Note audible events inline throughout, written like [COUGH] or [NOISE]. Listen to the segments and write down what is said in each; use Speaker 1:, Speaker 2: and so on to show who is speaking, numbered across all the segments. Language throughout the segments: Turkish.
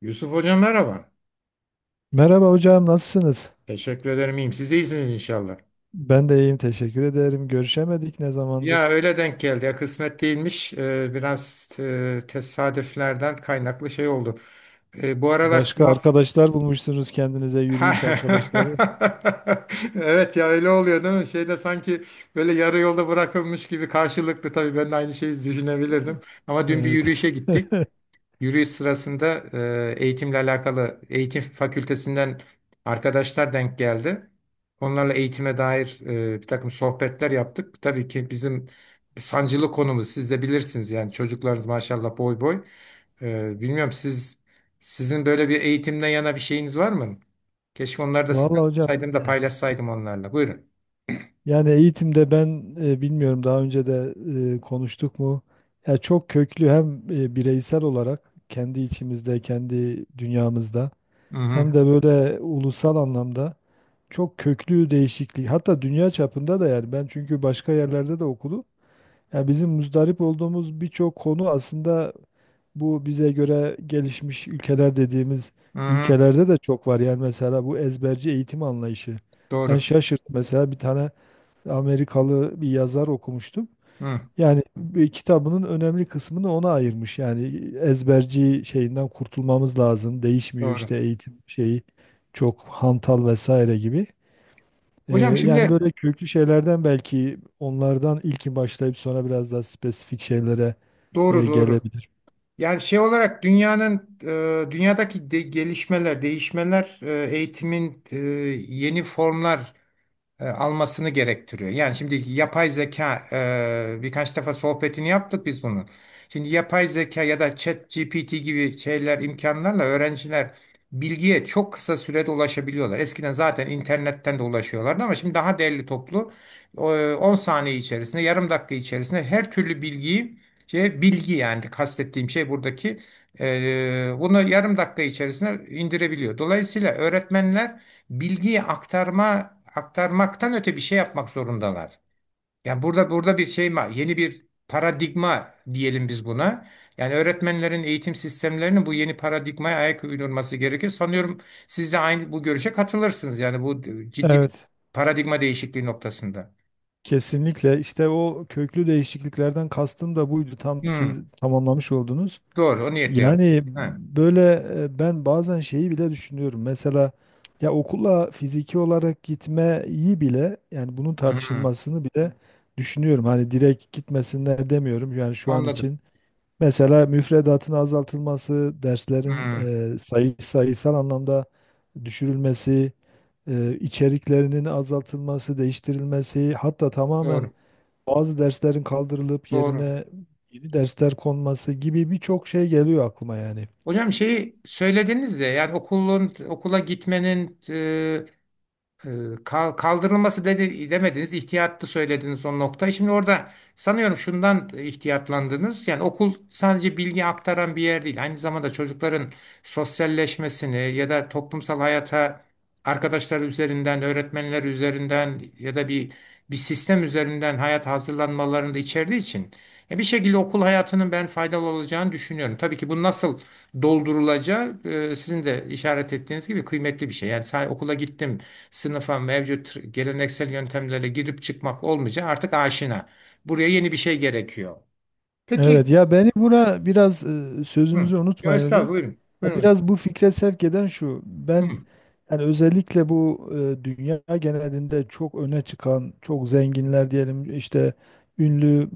Speaker 1: Yusuf Hocam merhaba.
Speaker 2: Merhaba hocam, nasılsınız?
Speaker 1: Teşekkür ederim iyiyim. Siz de iyisiniz inşallah.
Speaker 2: Ben de iyiyim, teşekkür ederim. Görüşemedik ne
Speaker 1: Ya
Speaker 2: zamandır?
Speaker 1: öyle denk geldi. Ya kısmet değilmiş. Biraz tesadüflerden kaynaklı şey oldu. Bu aralar
Speaker 2: Başka
Speaker 1: sınav...
Speaker 2: arkadaşlar bulmuşsunuz kendinize yürüyüş
Speaker 1: Ha.
Speaker 2: arkadaşları.
Speaker 1: [LAUGHS] Evet ya öyle oluyor değil mi? Şeyde sanki böyle yarı yolda bırakılmış gibi karşılıklı tabii ben de aynı şeyi düşünebilirdim. Ama dün bir
Speaker 2: Evet.
Speaker 1: yürüyüşe gittik.
Speaker 2: [LAUGHS]
Speaker 1: Yürüyüş sırasında eğitimle alakalı eğitim fakültesinden arkadaşlar denk geldi. Onlarla eğitime dair bir takım sohbetler yaptık. Tabii ki bizim sancılı konumuz siz de bilirsiniz yani çocuklarınız maşallah boy boy. Bilmiyorum sizin böyle bir eğitimden yana bir şeyiniz var mı? Keşke onları da
Speaker 2: Vallahi
Speaker 1: sizden
Speaker 2: hocam,
Speaker 1: saydım da
Speaker 2: eh,
Speaker 1: paylaşsaydım onlarla. Buyurun.
Speaker 2: yani eğitimde ben bilmiyorum, daha önce de konuştuk mu? Ya çok köklü, hem bireysel olarak kendi içimizde, kendi dünyamızda,
Speaker 1: Hı hı.
Speaker 2: hem de böyle ulusal anlamda çok köklü değişiklik. Hatta dünya çapında da. Yani ben çünkü başka yerlerde de okudum. Ya bizim muzdarip olduğumuz birçok konu aslında bu bize göre gelişmiş ülkeler dediğimiz
Speaker 1: Hı hı.
Speaker 2: ülkelerde de çok var. Yani mesela bu ezberci eğitim anlayışı. Ben
Speaker 1: Doğru.
Speaker 2: şaşırt mesela, bir tane Amerikalı bir yazar okumuştum.
Speaker 1: Hı,
Speaker 2: Yani bir kitabının önemli kısmını ona ayırmış. Yani ezberci şeyinden kurtulmamız lazım. Değişmiyor
Speaker 1: doğru.
Speaker 2: işte eğitim şeyi, çok hantal vesaire gibi.
Speaker 1: Hocam
Speaker 2: Yani
Speaker 1: şimdi
Speaker 2: böyle köklü şeylerden, belki onlardan ilki başlayıp sonra biraz daha spesifik şeylere
Speaker 1: doğru, doğru.
Speaker 2: gelebilir.
Speaker 1: Yani şey olarak dünyanın dünyadaki gelişmeler, değişmeler, eğitimin yeni formlar almasını gerektiriyor. Yani şimdi yapay zeka birkaç defa sohbetini yaptık biz bunun. Şimdi yapay zeka ya da chat GPT gibi şeyler imkanlarla öğrenciler bilgiye çok kısa sürede ulaşabiliyorlar. Eskiden zaten internetten de ulaşıyorlardı ama şimdi daha değerli toplu 10 saniye içerisinde, yarım dakika içerisinde her türlü bilgiyi şey, bilgi yani kastettiğim şey buradaki bunu yarım dakika içerisinde indirebiliyor. Dolayısıyla öğretmenler bilgiyi aktarmaktan öte bir şey yapmak zorundalar. Yani burada bir şey yeni bir paradigma diyelim biz buna. Yani öğretmenlerin eğitim sistemlerinin bu yeni paradigmaya ayak uydurması gerekir. Sanıyorum siz de aynı bu görüşe katılırsınız. Yani bu ciddi bir
Speaker 2: Evet,
Speaker 1: paradigma değişikliği noktasında.
Speaker 2: kesinlikle. İşte o köklü değişikliklerden kastım da buydu. Tam
Speaker 1: Hmm,
Speaker 2: siz tamamlamış oldunuz.
Speaker 1: doğru, o niyetle yaptım.
Speaker 2: Yani
Speaker 1: Ha,
Speaker 2: böyle, ben bazen şeyi bile düşünüyorum. Mesela ya okula fiziki olarak gitmeyi bile, yani bunun
Speaker 1: hmm,
Speaker 2: tartışılmasını bile düşünüyorum. Hani direkt gitmesinler demiyorum. Yani şu an
Speaker 1: anladım.
Speaker 2: için mesela müfredatın azaltılması, derslerin
Speaker 1: Hmm,
Speaker 2: sayısal anlamda düşürülmesi, içeriklerinin azaltılması, değiştirilmesi, hatta tamamen
Speaker 1: doğru,
Speaker 2: bazı derslerin kaldırılıp
Speaker 1: doğru.
Speaker 2: yerine yeni dersler konması gibi birçok şey geliyor aklıma yani.
Speaker 1: Hocam şeyi söylediniz de yani okulun okula gitmenin Ee, kaldırılması dedi, demediniz, ihtiyatlı söylediniz o noktayı. Şimdi orada sanıyorum şundan ihtiyatlandınız. Yani okul sadece bilgi aktaran bir yer değil. Aynı zamanda çocukların sosyalleşmesini ya da toplumsal hayata arkadaşları üzerinden, öğretmenler üzerinden ya da bir sistem üzerinden hayat hazırlanmalarını da içerdiği için bir şekilde okul hayatının ben faydalı olacağını düşünüyorum. Tabii ki bu nasıl doldurulacağı sizin de işaret ettiğiniz gibi kıymetli bir şey. Yani sadece okula gittim sınıfa mevcut geleneksel yöntemlerle girip çıkmak olmayacak artık aşina. Buraya yeni bir şey gerekiyor. Peki,
Speaker 2: Evet ya, beni buna biraz
Speaker 1: hı.
Speaker 2: sözünüzü
Speaker 1: Ya
Speaker 2: unutmayın
Speaker 1: estağfurullah,
Speaker 2: hocam.
Speaker 1: buyurun.
Speaker 2: Ya
Speaker 1: Buyurun.
Speaker 2: biraz bu fikre sevk eden şu.
Speaker 1: Hı.
Speaker 2: Ben yani özellikle bu dünya genelinde çok öne çıkan, çok zenginler diyelim, işte ünlü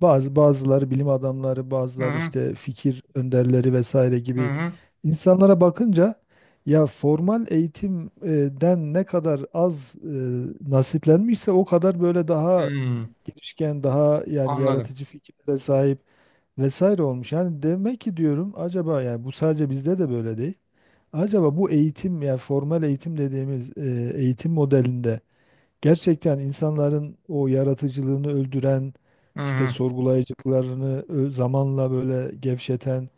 Speaker 2: bazıları bilim adamları,
Speaker 1: Hı
Speaker 2: bazıları
Speaker 1: hı.
Speaker 2: işte fikir önderleri vesaire
Speaker 1: Hı
Speaker 2: gibi
Speaker 1: hı.
Speaker 2: insanlara bakınca, ya formal eğitimden ne kadar az nasiplenmişse, o kadar böyle daha
Speaker 1: Hı.
Speaker 2: girişken, daha yani
Speaker 1: Anladım.
Speaker 2: yaratıcı fikirlere sahip vesaire olmuş. Yani demek ki diyorum, acaba yani bu sadece bizde de böyle değil. Acaba bu eğitim, yani formal eğitim dediğimiz eğitim modelinde gerçekten insanların o yaratıcılığını öldüren,
Speaker 1: Hı
Speaker 2: işte
Speaker 1: hı.
Speaker 2: sorgulayıcılıklarını zamanla böyle gevşeten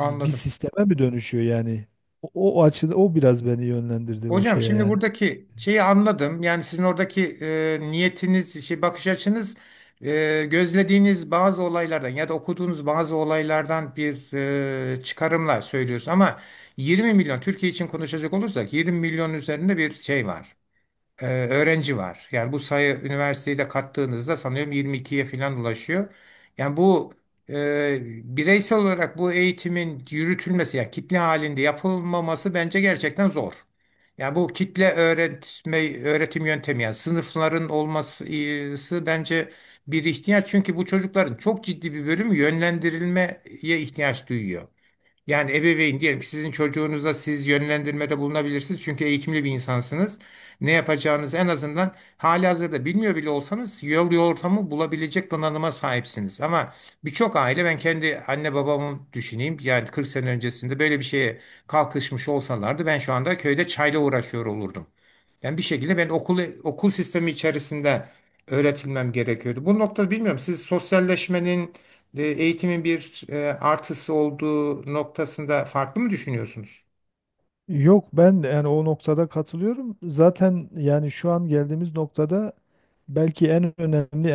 Speaker 2: bir sisteme mi dönüşüyor yani? O, o açıda o biraz beni yönlendirdi o
Speaker 1: Hocam
Speaker 2: şeye
Speaker 1: şimdi
Speaker 2: yani.
Speaker 1: buradaki şeyi anladım. Yani sizin oradaki niyetiniz, şey bakış açınız gözlediğiniz bazı olaylardan ya da okuduğunuz bazı olaylardan bir çıkarımla söylüyorsunuz. Ama 20 milyon Türkiye için konuşacak olursak 20 milyon üzerinde bir şey var öğrenci var. Yani bu sayı üniversiteyi de kattığınızda sanıyorum yirmi ikiye falan ulaşıyor. Yani bu e, bireysel olarak bu eğitimin yürütülmesi, yani kitle halinde yapılmaması bence gerçekten zor. Yani bu kitle öğretme öğretim yöntemi yani sınıfların olması bence bir ihtiyaç çünkü bu çocukların çok ciddi bir bölümü yönlendirilmeye ihtiyaç duyuyor. Yani ebeveyn diyelim ki sizin çocuğunuza siz yönlendirmede bulunabilirsiniz. Çünkü eğitimli bir insansınız. Ne yapacağınızı en azından halihazırda bilmiyor bile olsanız yol ortamı bulabilecek donanıma sahipsiniz. Ama birçok aile ben kendi anne babamı düşüneyim. Yani 40 sene öncesinde böyle bir şeye kalkışmış olsalardı ben şu anda köyde çayla uğraşıyor olurdum. Yani bir şekilde ben okul sistemi içerisinde öğretilmem gerekiyordu. Bu noktada bilmiyorum siz sosyalleşmenin eğitimin bir artısı olduğu noktasında farklı mı düşünüyorsunuz?
Speaker 2: Yok, ben de yani o noktada katılıyorum. Zaten yani şu an geldiğimiz noktada belki en önemli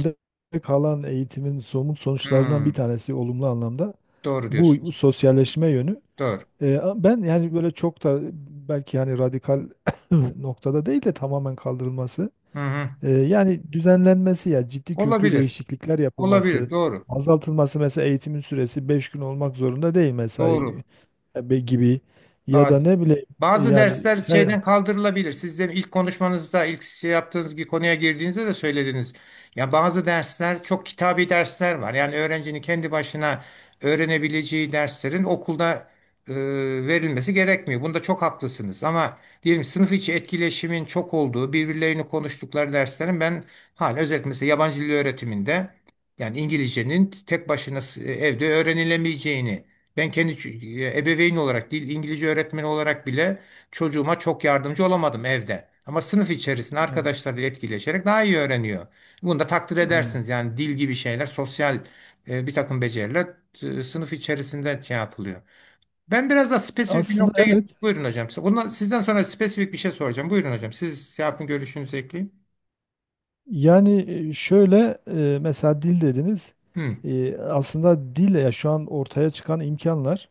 Speaker 2: elde kalan eğitimin somut sonuçlarından bir
Speaker 1: Hmm,
Speaker 2: tanesi, olumlu anlamda,
Speaker 1: doğru
Speaker 2: bu
Speaker 1: diyorsunuz.
Speaker 2: sosyalleşme yönü.
Speaker 1: Doğru.
Speaker 2: Ben yani böyle çok da, belki hani radikal [COUGHS] [CLEARS THROAT] noktada değil de tamamen kaldırılması.
Speaker 1: Hı hı.
Speaker 2: Yani düzenlenmesi ya ciddi köklü
Speaker 1: Olabilir.
Speaker 2: değişiklikler yapılması,
Speaker 1: Olabilir. Doğru.
Speaker 2: azaltılması. Mesela eğitimin süresi 5 gün olmak zorunda değil mesai
Speaker 1: Doğru.
Speaker 2: gibi, ya da
Speaker 1: Bazı.
Speaker 2: ne bileyim
Speaker 1: Bazı
Speaker 2: yani
Speaker 1: dersler
Speaker 2: her.
Speaker 1: şeyden kaldırılabilir. Siz de ilk konuşmanızda, ilk şey yaptığınız bir konuya girdiğinizde de söylediniz. Ya bazı dersler çok kitabi dersler var. Yani öğrencinin kendi başına öğrenebileceği derslerin okulda e, verilmesi gerekmiyor. Bunda çok haklısınız. Ama diyelim sınıf içi etkileşimin çok olduğu, birbirlerini konuştukları derslerin ben hala özellikle mesela yabancı dil öğretiminde yani İngilizcenin tek başına evde öğrenilemeyeceğini ben kendi ebeveyn olarak değil, İngilizce öğretmeni olarak bile çocuğuma çok yardımcı olamadım evde. Ama sınıf içerisinde
Speaker 2: Evet.
Speaker 1: arkadaşlarıyla etkileşerek daha iyi öğreniyor. Bunu da takdir edersiniz.
Speaker 2: Evet.
Speaker 1: Yani dil gibi şeyler, sosyal bir takım beceriler sınıf içerisinde şey yapılıyor. Ben biraz daha spesifik bir
Speaker 2: Aslında
Speaker 1: noktaya
Speaker 2: evet.
Speaker 1: git. Buyurun hocam. Ondan, sizden sonra spesifik bir şey soracağım. Buyurun hocam. Siz şey yapın görüşünüzü ekleyin.
Speaker 2: Yani şöyle, mesela dil dediniz.
Speaker 1: Hı,
Speaker 2: Aslında dille, ya şu an ortaya çıkan imkanlar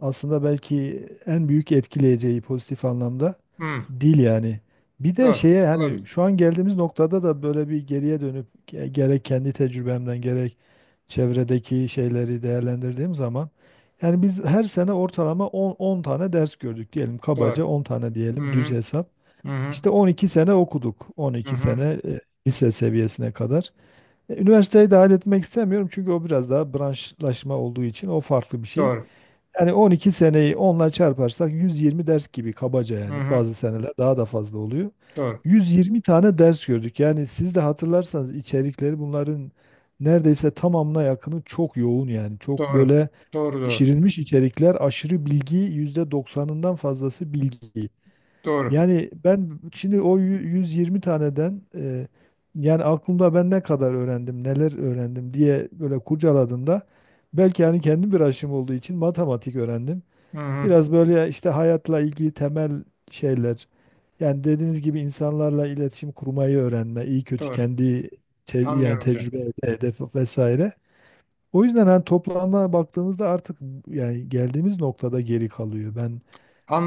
Speaker 2: aslında belki en büyük etkileyeceği pozitif anlamda
Speaker 1: hı,
Speaker 2: dil yani. Bir de
Speaker 1: doğru.
Speaker 2: şeye, hani
Speaker 1: Olabilir.
Speaker 2: şu an geldiğimiz noktada da böyle bir geriye dönüp gerek kendi tecrübemden, gerek çevredeki şeyleri değerlendirdiğim zaman, yani biz her sene ortalama 10, 10 tane ders gördük diyelim, kabaca
Speaker 1: Doğru.
Speaker 2: 10 tane
Speaker 1: Hı
Speaker 2: diyelim, düz
Speaker 1: hı,
Speaker 2: hesap.
Speaker 1: hı hı,
Speaker 2: İşte 12 sene okuduk.
Speaker 1: hı
Speaker 2: 12
Speaker 1: hı,
Speaker 2: sene lise seviyesine kadar. E, üniversiteyi dahil etmek istemiyorum çünkü o biraz daha branşlaşma olduğu için o farklı bir şey.
Speaker 1: doğru.
Speaker 2: Yani 12 seneyi onla çarparsak 120 ders gibi kabaca,
Speaker 1: Hı
Speaker 2: yani
Speaker 1: hı,
Speaker 2: bazı seneler daha da fazla oluyor.
Speaker 1: doğru.
Speaker 2: 120 tane ders gördük. Yani siz de hatırlarsanız içerikleri bunların neredeyse tamamına yakını çok yoğun yani. Çok
Speaker 1: Doğru.
Speaker 2: böyle
Speaker 1: Doğru, doğru.
Speaker 2: pişirilmiş içerikler, aşırı bilgi, %90'ından fazlası bilgi.
Speaker 1: Doğru.
Speaker 2: Yani ben şimdi o 120 taneden yani aklımda ben ne kadar öğrendim, neler öğrendim diye böyle kurcaladığımda, belki hani kendim bir aşım olduğu için matematik öğrendim.
Speaker 1: Hı hı,
Speaker 2: Biraz böyle işte hayatla ilgili temel şeyler. Yani dediğiniz gibi insanlarla iletişim kurmayı öğrenme, iyi kötü
Speaker 1: doğru.
Speaker 2: kendi yani
Speaker 1: Anlıyorum hocam.
Speaker 2: tecrübe, hedef vesaire. O yüzden hani toplama baktığımızda artık yani geldiğimiz noktada geri kalıyor. Ben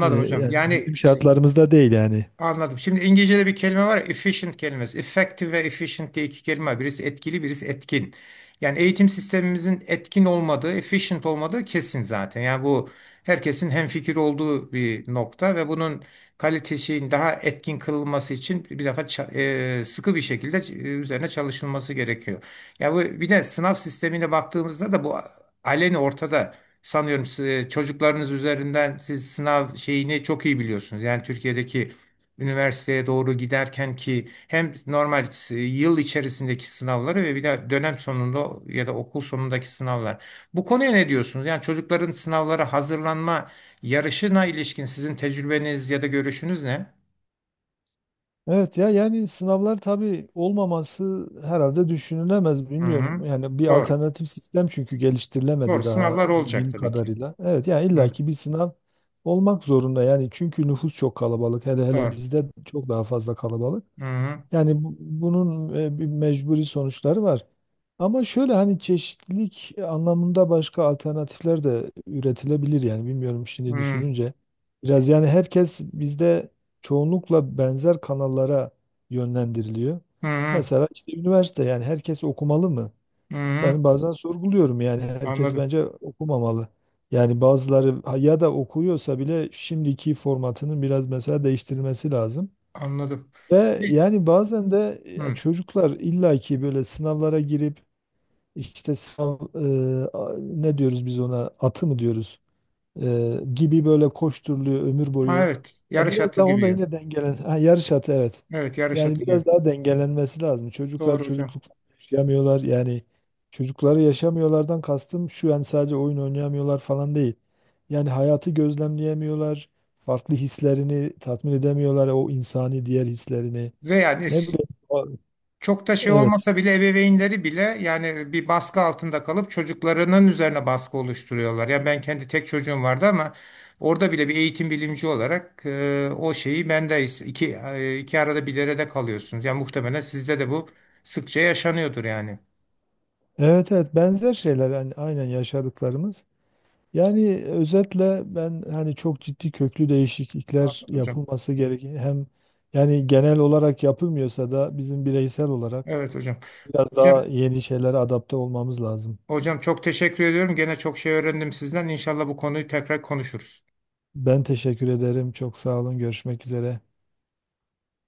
Speaker 1: hocam.
Speaker 2: yani
Speaker 1: Yani
Speaker 2: bizim şartlarımızda değil yani.
Speaker 1: anladım. Şimdi İngilizce'de bir kelime var ya, efficient kelimesi. Effective ve efficient diye iki kelime var. Birisi etkili, birisi etkin. Yani eğitim sistemimizin etkin olmadığı, efficient olmadığı kesin zaten. Yani bu herkesin hemfikir olduğu bir nokta ve bunun kalitesinin daha etkin kılınması için bir defa sıkı bir şekilde üzerine çalışılması gerekiyor. Ya bu bir de sınav sistemine baktığımızda da bu aleni ortada. Sanıyorum siz, çocuklarınız üzerinden siz sınav şeyini çok iyi biliyorsunuz. Yani Türkiye'deki üniversiteye doğru giderken ki hem normal yıl içerisindeki sınavları ve bir de dönem sonunda ya da okul sonundaki sınavlar. Bu konuya ne diyorsunuz? Yani çocukların sınavlara hazırlanma yarışına ilişkin sizin tecrübeniz ya da görüşünüz ne?
Speaker 2: Evet ya, yani sınavlar tabii, olmaması herhalde düşünülemez
Speaker 1: Hı
Speaker 2: bilmiyorum.
Speaker 1: hı.
Speaker 2: Yani bir
Speaker 1: Doğru.
Speaker 2: alternatif sistem çünkü
Speaker 1: Doğru.
Speaker 2: geliştirilemedi daha
Speaker 1: Sınavlar olacak
Speaker 2: bildiğim
Speaker 1: tabii ki.
Speaker 2: kadarıyla. Evet, yani
Speaker 1: Hı.
Speaker 2: illaki bir sınav olmak zorunda yani, çünkü nüfus çok kalabalık. Hele hele
Speaker 1: Doğru.
Speaker 2: bizde çok daha fazla kalabalık.
Speaker 1: Hı hı.
Speaker 2: Yani bunun bir mecburi sonuçları var. Ama şöyle hani çeşitlilik anlamında başka alternatifler de üretilebilir yani, bilmiyorum, şimdi
Speaker 1: Hı
Speaker 2: düşününce. Biraz yani herkes bizde çoğunlukla benzer kanallara yönlendiriliyor.
Speaker 1: hı.
Speaker 2: Mesela işte üniversite, yani herkes okumalı mı?
Speaker 1: Hı hı.
Speaker 2: Ben bazen sorguluyorum, yani herkes
Speaker 1: Anladım.
Speaker 2: bence okumamalı. Yani bazıları ya da okuyorsa bile şimdiki formatının biraz mesela değiştirilmesi lazım.
Speaker 1: Anladım.
Speaker 2: Ve
Speaker 1: Bir-
Speaker 2: yani bazen de ya
Speaker 1: Hı.
Speaker 2: çocuklar illaki böyle sınavlara girip, işte sınav ne diyoruz biz ona, atı mı diyoruz? Gibi, böyle koşturuluyor ömür
Speaker 1: Ha,
Speaker 2: boyu.
Speaker 1: evet.
Speaker 2: Ya
Speaker 1: Yarış
Speaker 2: biraz
Speaker 1: atı
Speaker 2: daha onda
Speaker 1: gibi.
Speaker 2: yine dengelen, ha, yarış atı, evet.
Speaker 1: Evet, yarış
Speaker 2: Yani
Speaker 1: atı
Speaker 2: biraz
Speaker 1: gibi.
Speaker 2: daha dengelenmesi lazım. Çocuklar
Speaker 1: Doğru hocam.
Speaker 2: çocukluk yaşamıyorlar. Yani çocukları yaşamıyorlardan kastım şu: yani sadece oyun oynayamıyorlar falan değil. Yani hayatı gözlemleyemiyorlar. Farklı hislerini tatmin edemiyorlar, o insani diğer hislerini.
Speaker 1: Ve yani
Speaker 2: Ne bileyim.
Speaker 1: çok da şey
Speaker 2: Evet.
Speaker 1: olmasa bile ebeveynleri bile yani bir baskı altında kalıp çocuklarının üzerine baskı oluşturuyorlar. Yani ben kendi tek çocuğum vardı ama orada bile bir eğitim bilimci olarak o şeyi ben de iki arada bir derede kalıyorsunuz. Yani muhtemelen sizde de bu sıkça yaşanıyordur yani.
Speaker 2: Evet evet, benzer şeyler yani, aynen yaşadıklarımız. Yani özetle ben hani çok ciddi köklü değişiklikler
Speaker 1: Anladım hocam.
Speaker 2: yapılması gereken, hem yani genel olarak yapılmıyorsa da bizim bireysel olarak
Speaker 1: Evet hocam.
Speaker 2: biraz daha
Speaker 1: Hocam,
Speaker 2: yeni şeylere adapte olmamız lazım.
Speaker 1: hocam çok teşekkür ediyorum. Gene çok şey öğrendim sizden. İnşallah bu konuyu tekrar konuşuruz.
Speaker 2: Ben teşekkür ederim. Çok sağ olun. Görüşmek üzere.